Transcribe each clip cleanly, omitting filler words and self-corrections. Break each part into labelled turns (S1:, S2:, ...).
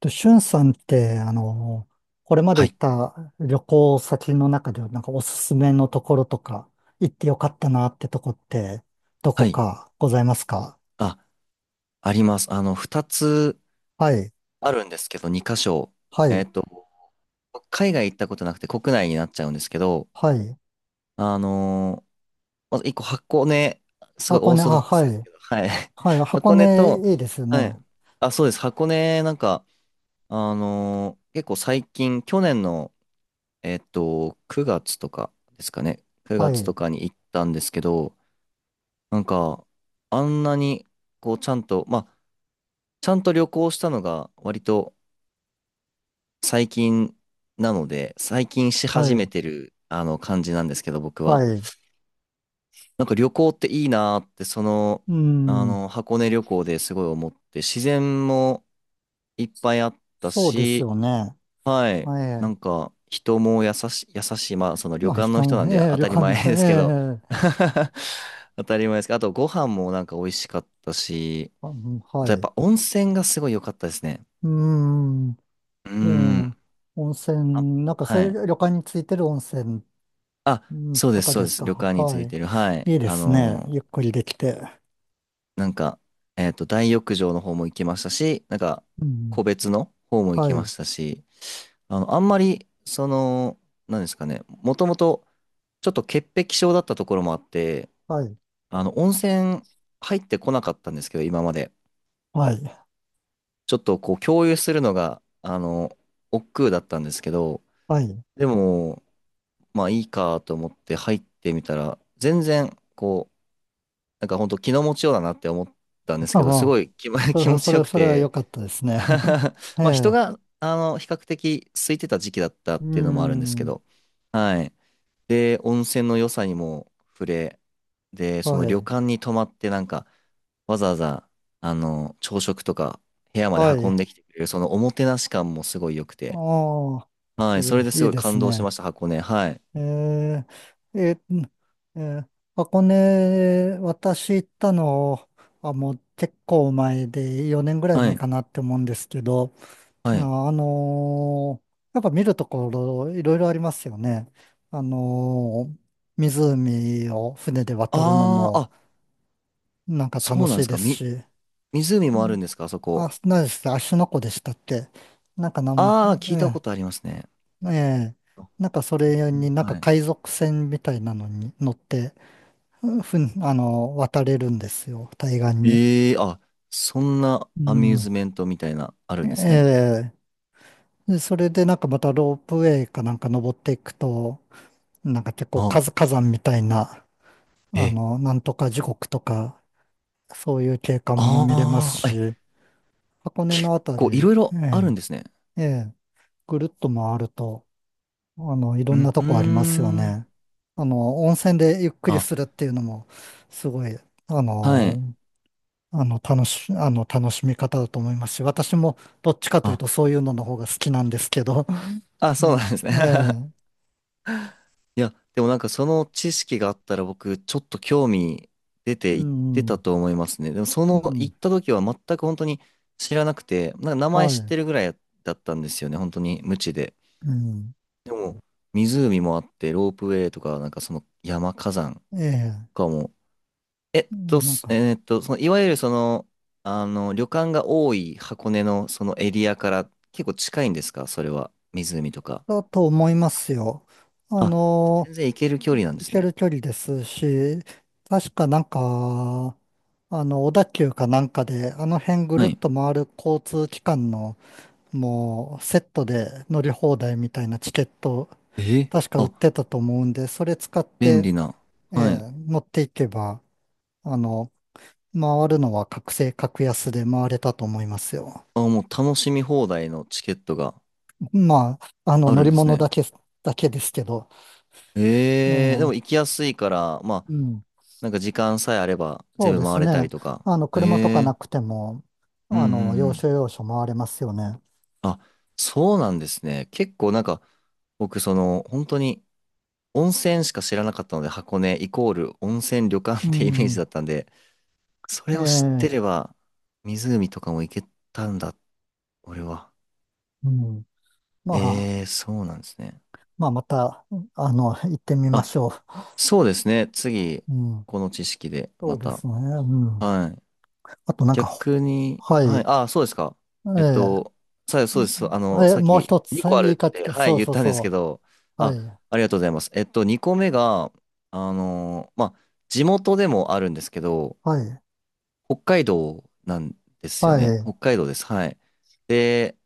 S1: と、しゅんさんって、これまで
S2: は
S1: 行っ
S2: い。
S1: た旅行先の中で、なんかおすすめのところとか、行ってよかったなってとこって、どこ
S2: はい。
S1: かございますか？
S2: あ、あります。二つ
S1: はい、
S2: あるんですけど、二箇所。
S1: は
S2: え
S1: い、
S2: っと、海外行ったことなくて国内になっちゃうんですけど、
S1: はい。
S2: あのーまず一個箱根、すご
S1: 箱
S2: いオー
S1: 根、あ、
S2: ソドックス
S1: は
S2: です
S1: い、
S2: けど、はい。
S1: はい、箱
S2: 箱根と、
S1: 根いいですよ
S2: はい。
S1: ね。
S2: あ、そうです。箱根、なんか、結構最近、去年の、9月とかですかね。9
S1: は
S2: 月と
S1: い、
S2: かに行ったんですけど、なんか、あんなに、こう、ちゃんと、まあ、ちゃんと旅行したのが割と最近なので、最近し
S1: は
S2: 始め
S1: い、
S2: てる、感じなんですけど、僕
S1: は
S2: は。
S1: い。
S2: なんか旅行っていいなーって、
S1: うん、
S2: 箱根旅行ですごい思って、自然もいっぱいあった
S1: そうです
S2: し、
S1: よね。
S2: はい、
S1: は
S2: な
S1: い。
S2: んか人も優しい、まあ、その旅
S1: まあ、
S2: 館の
S1: 人
S2: 人
S1: も、
S2: なんで
S1: ええ
S2: 当
S1: 旅
S2: たり
S1: 館の
S2: 前
S1: 人、
S2: ですけど、
S1: ええ、
S2: 当たり前ですけど、あとご飯もなんか美味しかったし、
S1: うん、
S2: あとや
S1: は
S2: っ
S1: い。
S2: ぱ温泉がすごい良かったですね。
S1: うん、
S2: うー
S1: ええ、
S2: ん。
S1: 温
S2: あ、
S1: 泉、なんかそう
S2: は
S1: い
S2: い。
S1: う旅館についてる温泉、
S2: あ、
S1: うん
S2: そう
S1: と
S2: です、
S1: か
S2: そう
S1: で
S2: で
S1: す
S2: す。
S1: か？
S2: 旅館につ
S1: はい。
S2: いてる。はい。
S1: いいですね。ゆっくりできて。
S2: なんか、大浴場の方も行きましたし、なんか、
S1: うん。
S2: 個別の方も行
S1: は
S2: きま
S1: い。
S2: したし、あんまり、なんですかね、もともと、ちょっと潔癖症だったところもあって、
S1: はい。
S2: 温泉入ってこなかったんですけど、今まで。
S1: はい。
S2: ちょっとこう、共有するのが、億劫だったんですけど、
S1: はい。
S2: でも、まあいいかと思って入ってみたら、全然、こう、なんか本当気の持ちようだなって思ったんで すけど、
S1: あ
S2: す
S1: あ、
S2: ごい
S1: そ
S2: 気
S1: れ、
S2: 持
S1: そ
S2: ちよ
S1: れ、
S2: く
S1: それは良
S2: て
S1: かったですね。え
S2: まあ人
S1: え。
S2: が、比較的空いてた時期だったっ
S1: う
S2: ていうのもあるんですけ
S1: ん。
S2: ど、はい。で、温泉の良さにも触れ、で、そ
S1: は
S2: の旅
S1: い。
S2: 館に泊まってなんか、わざわざ、朝食とか部屋まで
S1: は
S2: 運ん
S1: い。
S2: できてくれる、そのおもてなし感もすごい良くて、
S1: ああ、
S2: はい。それです
S1: いい
S2: ごい
S1: です
S2: 感動しま
S1: ね。
S2: した、箱根。はい。
S1: えー、えー箱根、私行ったのはもう結構前で、4年ぐらい
S2: は
S1: 前
S2: い。
S1: かなって思うんですけど、
S2: はい。
S1: ああ、やっぱ見るところいろいろありますよね。あのー湖を船で渡るの
S2: あー、
S1: も
S2: あ、
S1: なんか楽
S2: そうな
S1: し
S2: んで
S1: い
S2: す
S1: で
S2: か。
S1: すし、
S2: 湖
S1: う
S2: もあるん
S1: ん、
S2: ですか、あそこ。
S1: あ、何でした芦ノ湖でしたっけ？なんかなん、
S2: ああ、聞いた
S1: え
S2: ことありますね。
S1: え、ええ、
S2: あ、
S1: なんかそ
S2: 全
S1: れに
S2: 然、
S1: なんか
S2: はい。
S1: 海賊船みたいなのに乗って、ふん、あの、渡れるんですよ、対岸に。
S2: ええ、あ、そんな
S1: う
S2: アミューズ
S1: ん。
S2: メントみたいな、あ
S1: え
S2: るんですね。
S1: え、でそれでなんかまたロープウェイかなんか登っていくと、なんか結構
S2: あ
S1: 火山
S2: あ、
S1: 火山みたいな、あ
S2: え、
S1: の、なんとか地獄とか、そういう景観も見れます
S2: ああ、え、
S1: し、箱根
S2: 結
S1: のあたり、
S2: 構いろい
S1: え
S2: ろあるんですね。
S1: え、ええ、ぐるっと回ると、あの、いろ
S2: う
S1: んな
S2: ん、
S1: と
S2: うー
S1: こありますよ
S2: ん。
S1: ね。あの、温泉でゆっくり
S2: あ、
S1: するっていうのも、すごい、あ
S2: はい。
S1: の、楽しみ方だと思いますし、私もどっちかという
S2: あ、
S1: とそういうのの方が好きなんですけど、
S2: あ、そうなん
S1: ね、
S2: ですね。
S1: ええ、
S2: いや、でもなんかその知識があったら僕、ちょっと興味出
S1: う
S2: て行ってた
S1: ん、
S2: と思いますね。でもそ
S1: う
S2: の行
S1: ん、
S2: った時は全く本当に知らなくて、なんか名前
S1: は
S2: 知っ
S1: い、
S2: てるぐらいだったんですよね。本当に無知で。
S1: うん、
S2: でも、湖もあって、ロープウェイとか、なんかその火山
S1: ええ、
S2: とかも、えっ
S1: う
S2: と、
S1: んなん
S2: す
S1: か、
S2: えーっと、その、いわゆるその、旅館が多い箱根のそのエリアから結構近いんですかそれは、湖とか。
S1: だと思いますよ。あ
S2: あ、
S1: の、
S2: 全然行ける距離なん
S1: 行
S2: です
S1: け
S2: ね。
S1: る距離ですし、確かなんか、あの、小田急かなんかで、あの辺ぐる
S2: は
S1: っ
S2: い。
S1: と回る交通機関の、もう、セットで乗り放題みたいなチケット、
S2: え、
S1: 確か売っ
S2: あ、
S1: てたと思うんで、それ使っ
S2: 便
S1: て、
S2: 利な。
S1: え
S2: は
S1: え、
S2: い。
S1: 持っていけば、あの、回るのは覚醒格安で回れたと思いますよ。
S2: あ、もう楽しみ放題のチケットが
S1: まあ、あの、
S2: あ
S1: 乗
S2: るん
S1: り
S2: です
S1: 物だ
S2: ね。
S1: け、だけですけど、え
S2: で
S1: え、
S2: も行きやすいから、まあ、
S1: うん、
S2: なんか時間さえあれば
S1: そう
S2: 全
S1: で
S2: 部
S1: す
S2: 回れたり
S1: ね。
S2: とか。
S1: あの、車とか
S2: え
S1: な
S2: ー、
S1: くても、
S2: うんう
S1: あの、
S2: んう
S1: 要
S2: ん。
S1: 所要所回れますよね。
S2: あ、そうなんですね。結構なんか、僕本当に温泉しか知らなかったので、箱根イコール温泉旅館
S1: う
S2: ってイメージ
S1: ん、
S2: だったんで、そ
S1: え
S2: れを知って
S1: え、
S2: れば、湖とかも行けたんだ、俺は。
S1: うん。まあ、
S2: そうなんですね。
S1: また、あの、行ってみま
S2: あ、
S1: しょ
S2: そうですね。次、
S1: う。うん、
S2: この知識で
S1: そ
S2: ま
S1: うで
S2: た。
S1: すね。うん。
S2: はい。
S1: あとなんか、
S2: 逆に、
S1: は
S2: はい、
S1: い、
S2: ああ、そうですか。えっ
S1: え
S2: と、そうです。
S1: え、え、
S2: さっ
S1: もう
S2: き
S1: 一つ
S2: 2個ある
S1: 言
S2: っ
S1: いかけ
S2: て、
S1: た、
S2: はい、
S1: そう
S2: 言っ
S1: そう
S2: たんですけ
S1: そ
S2: ど、
S1: う。は
S2: あ、
S1: い、
S2: ありがとうございます。2個目が、まあ、地元でもあるんですけど、
S1: はい、
S2: 北海道なんですよ
S1: は
S2: ね。
S1: い、
S2: 北海道です。はい。で、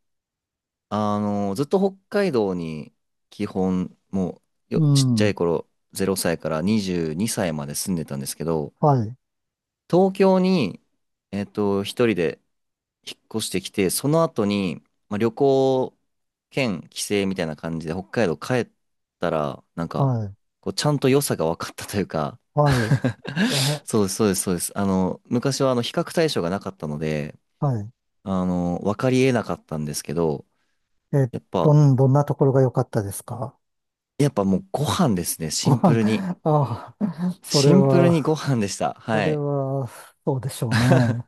S2: ずっと北海道に、基本、もう、
S1: う
S2: ちっちゃい
S1: ん、
S2: 頃、0歳から22歳まで住んでたんですけど、
S1: はい、
S2: 東京に、一人で、引っ越してきて、その後に、まあ、旅行兼帰省みたいな感じで北海道帰ったら、なんか、
S1: はい、
S2: こうちゃんと良さが分かったというか
S1: はい、え、
S2: そうです、そうです、そうです。昔は比較対象がなかったので、
S1: はい、
S2: 分かり得なかったんですけど、
S1: え、
S2: やっぱ、
S1: どんなところが良かったですか？
S2: やっぱもうご飯ですね、シ
S1: ご
S2: ンプ
S1: 飯、
S2: ルに。
S1: ああ、
S2: シンプルにご飯でした。
S1: そ
S2: は
S1: れ
S2: い。
S1: は、そうでしょうね。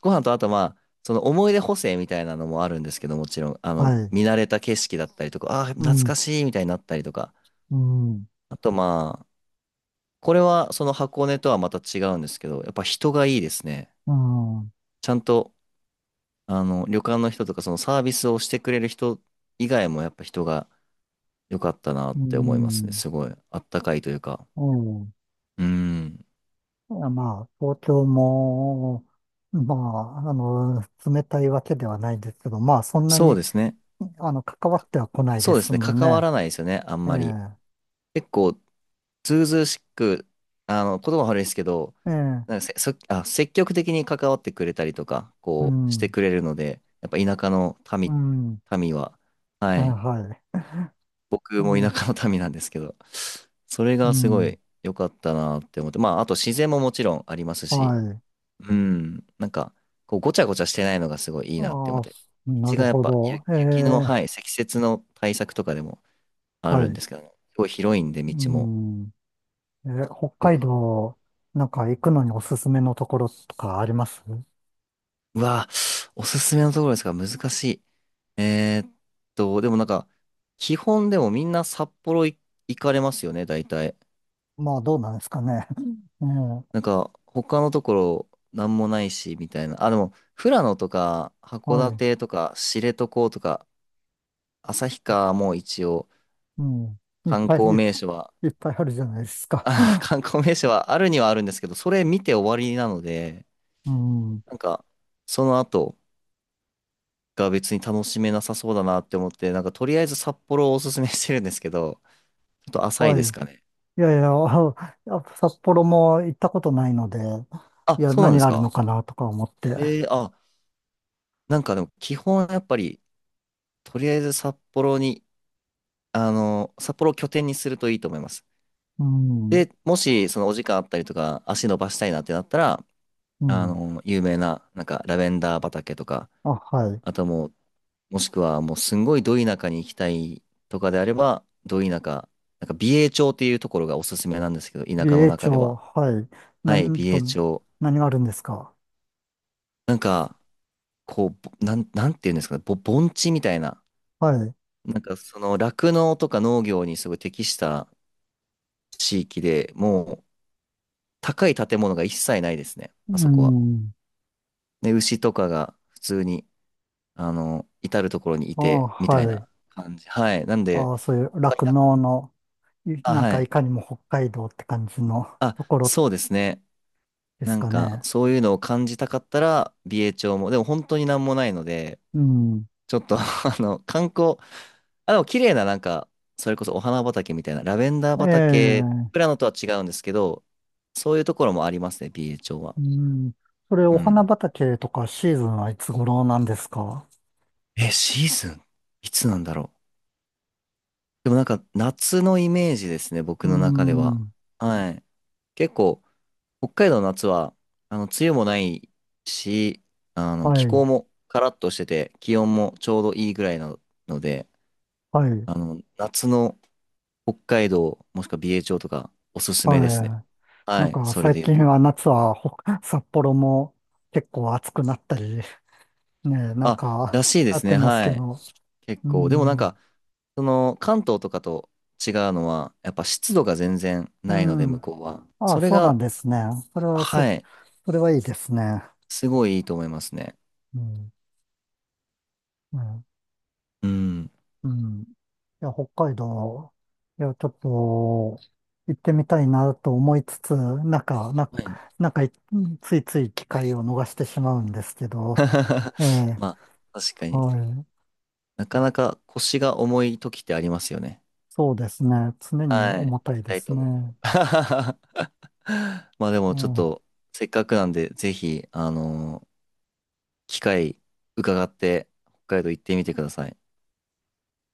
S2: ご飯とあとまあ、その思い出補正みたいなのもあるんですけど、もちろん、
S1: はい、
S2: 見慣れた景色だったりとか、ああー、
S1: う
S2: 懐か
S1: ん、
S2: しいみたいになったりとか、
S1: うん、
S2: あとまあ、これはその箱根とはまた違うんですけど、やっぱ人がいいですね。
S1: うん、
S2: ちゃんと、旅館の人とかそのサービスをしてくれる人以外もやっぱ人が良かったなっ
S1: う
S2: て思いますね。
S1: ん、
S2: すごい、あったかいというか。
S1: うん、
S2: うん。
S1: いやまあ、東京も、まあ、あの、冷たいわけではないですけど、まあ、そんな
S2: そう
S1: に、
S2: ですね。
S1: あの、関わっては来ない
S2: そ
S1: で
S2: うです
S1: す
S2: ね。
S1: んで
S2: 関わ
S1: ね。
S2: らないですよね、あん
S1: え
S2: まり。
S1: え、
S2: 結構、ずうずうしく、言葉悪いですけど、
S1: ええ、
S2: なんかせ、そ、あ、積極的に関わってくれたりとか、
S1: う
S2: こう、して
S1: ん。
S2: くれるので、やっぱ田舎の
S1: う
S2: 民、
S1: ん。
S2: 民は、
S1: え、
S2: はい。
S1: はい。え
S2: 僕も田
S1: ー、
S2: 舎の民なんですけど、それ
S1: う
S2: がすご
S1: ん。
S2: い良かったなって思って、まあ、あと自然ももちろんありますし、
S1: はい。
S2: うん、なんか、こう、ごちゃごちゃしてないのがすごいいいなって思
S1: あ
S2: っ
S1: あ、
S2: て、
S1: な
S2: 道
S1: る
S2: がやっ
S1: ほ
S2: ぱ、ゆ
S1: ど。え
S2: 雪の、
S1: え、
S2: はい、積雪の対策とかでもあ
S1: は
S2: るん
S1: い。
S2: ですけどね、すごい広いんで、
S1: う
S2: 道も
S1: ん。えー、北
S2: 良
S1: 海
S2: かった。
S1: 道、なんか行くのにおすすめのところとかあります？
S2: うわ、おすすめのところですか、難しい。えーっでもなんか、基本でもみんな札幌行かれますよね、大体。
S1: まあ、どうなんですかね。うん。え
S2: なんか、他のところ、なんもないし、みたいな。あ、でも、富良野とか、
S1: え、
S2: 函
S1: はい。
S2: 館とか、知床とか、旭川も一応、
S1: うん。いっ
S2: 観
S1: ぱい、い
S2: 光名所は、
S1: っぱいあるじゃないです か。
S2: あ、観光名所はあるにはあるんですけど、それ見て終わりなので、
S1: うん。
S2: なんか、その後が別に楽しめなさそうだなって思って、なんか、とりあえず札幌をおすすめしてるんですけど、ちょっと浅い
S1: はい。
S2: ですか
S1: い
S2: ね。
S1: やいや、やっぱ札幌も行ったことないので、い
S2: あ、
S1: や、
S2: そうなん
S1: 何
S2: で
S1: が
S2: す
S1: あるの
S2: か。
S1: かなとか思って。
S2: あ、なんかでも、基本やっぱり、とりあえず札幌に、札幌を拠点にするといいと思います。
S1: うん。
S2: で、もし、そのお時間あったりとか、足伸ばしたいなってなったら、
S1: うん。
S2: 有名な、なんか、ラベンダー畑とか、
S1: あ、はい。
S2: あともう、もしくは、もう、すんごいど田舎に行きたいとかであれば、ど田舎、なんか、美瑛町っていうところがおすすめなんですけど、田
S1: 美
S2: 舎の
S1: 瑛
S2: 中で
S1: 町、
S2: は。
S1: はい。
S2: はい、美
S1: 何と、
S2: 瑛町。
S1: 何があるんですか？
S2: なんか、こう、ぼなん、なんていうんですかね、盆地みたいな、
S1: はい。
S2: なんか、酪農とか農業にすごい適した地域で、もう、高い建物が一切ないですね、
S1: う
S2: あそこは。
S1: ん。
S2: で、牛とかが、普通に、至るところにい
S1: ああ、
S2: て、みたい
S1: はい。
S2: な感じ。はい。なんで、
S1: ああ、そういう酪農の、
S2: あ、
S1: なん
S2: は
S1: かい
S2: い。
S1: かにも北海道って感じの
S2: あ、
S1: ところ
S2: そうですね。
S1: で
S2: な
S1: す
S2: ん
S1: か
S2: か、
S1: ね。
S2: そういうのを感じたかったら、美瑛町も、でも本当になんもないので、
S1: うん。
S2: ちょっと 観光、あ、でも綺麗な、なんか、それこそお花畑みたいな、ラベンダー
S1: え
S2: 畑、プ
S1: え、
S2: ラノとは違うんですけど、そういうところもありますね、美瑛町
S1: う
S2: は。
S1: ん。それ、
S2: う
S1: お花
S2: ん。
S1: 畑とかシーズンはいつ頃なんですか？
S2: え、シーズンいつなんだろう。でもなんか、夏のイメージですね、
S1: う
S2: 僕の中では。
S1: ん。
S2: はい。結構、北海道の夏は、梅雨もないし、気
S1: は
S2: 候
S1: い。
S2: もカラッとしてて、気温もちょうどいいぐらいなので、
S1: はい。
S2: 夏の北海道、もしくは美瑛町とか、おすすめですね。
S1: はい。な
S2: は
S1: ん
S2: い、
S1: か
S2: それで
S1: 最
S2: 言う
S1: 近
S2: と。
S1: は夏は札幌も結構暑くなったり、ねえ、なん
S2: あ、ら
S1: か、
S2: しいで
S1: なっ
S2: す
S1: て
S2: ね、
S1: ます
S2: は
S1: け
S2: い。
S1: ど。
S2: 結
S1: う
S2: 構。でもなん
S1: ん。
S2: か、関東とかと違うのは、やっぱ湿度が全然
S1: う
S2: ないので、向
S1: ん。
S2: こうは。
S1: あ
S2: そ
S1: あ、
S2: れ
S1: そうなん
S2: が、
S1: ですね。それは、そ、
S2: はい、
S1: それはいいですね。
S2: すごいいいと思いますね。
S1: うん。うん。
S2: うん。
S1: うん、いや、北海道、いや、ちょっと、行ってみたいなと思いつつ、なんか、な、
S2: はい。
S1: なんかい、ついつい機会を逃してしまうんですけど、ええ、
S2: まあ、確かに。
S1: はい。
S2: なかなか腰が重い時ってありますよね。
S1: そうですね。常に
S2: はい。行
S1: 重たい
S2: き
S1: で
S2: たい
S1: す
S2: と思っても。
S1: ね。
S2: まあで
S1: う
S2: もちょっ
S1: ん。
S2: と、せっかくなんで、ぜひ、機会伺って、北海道行ってみてください。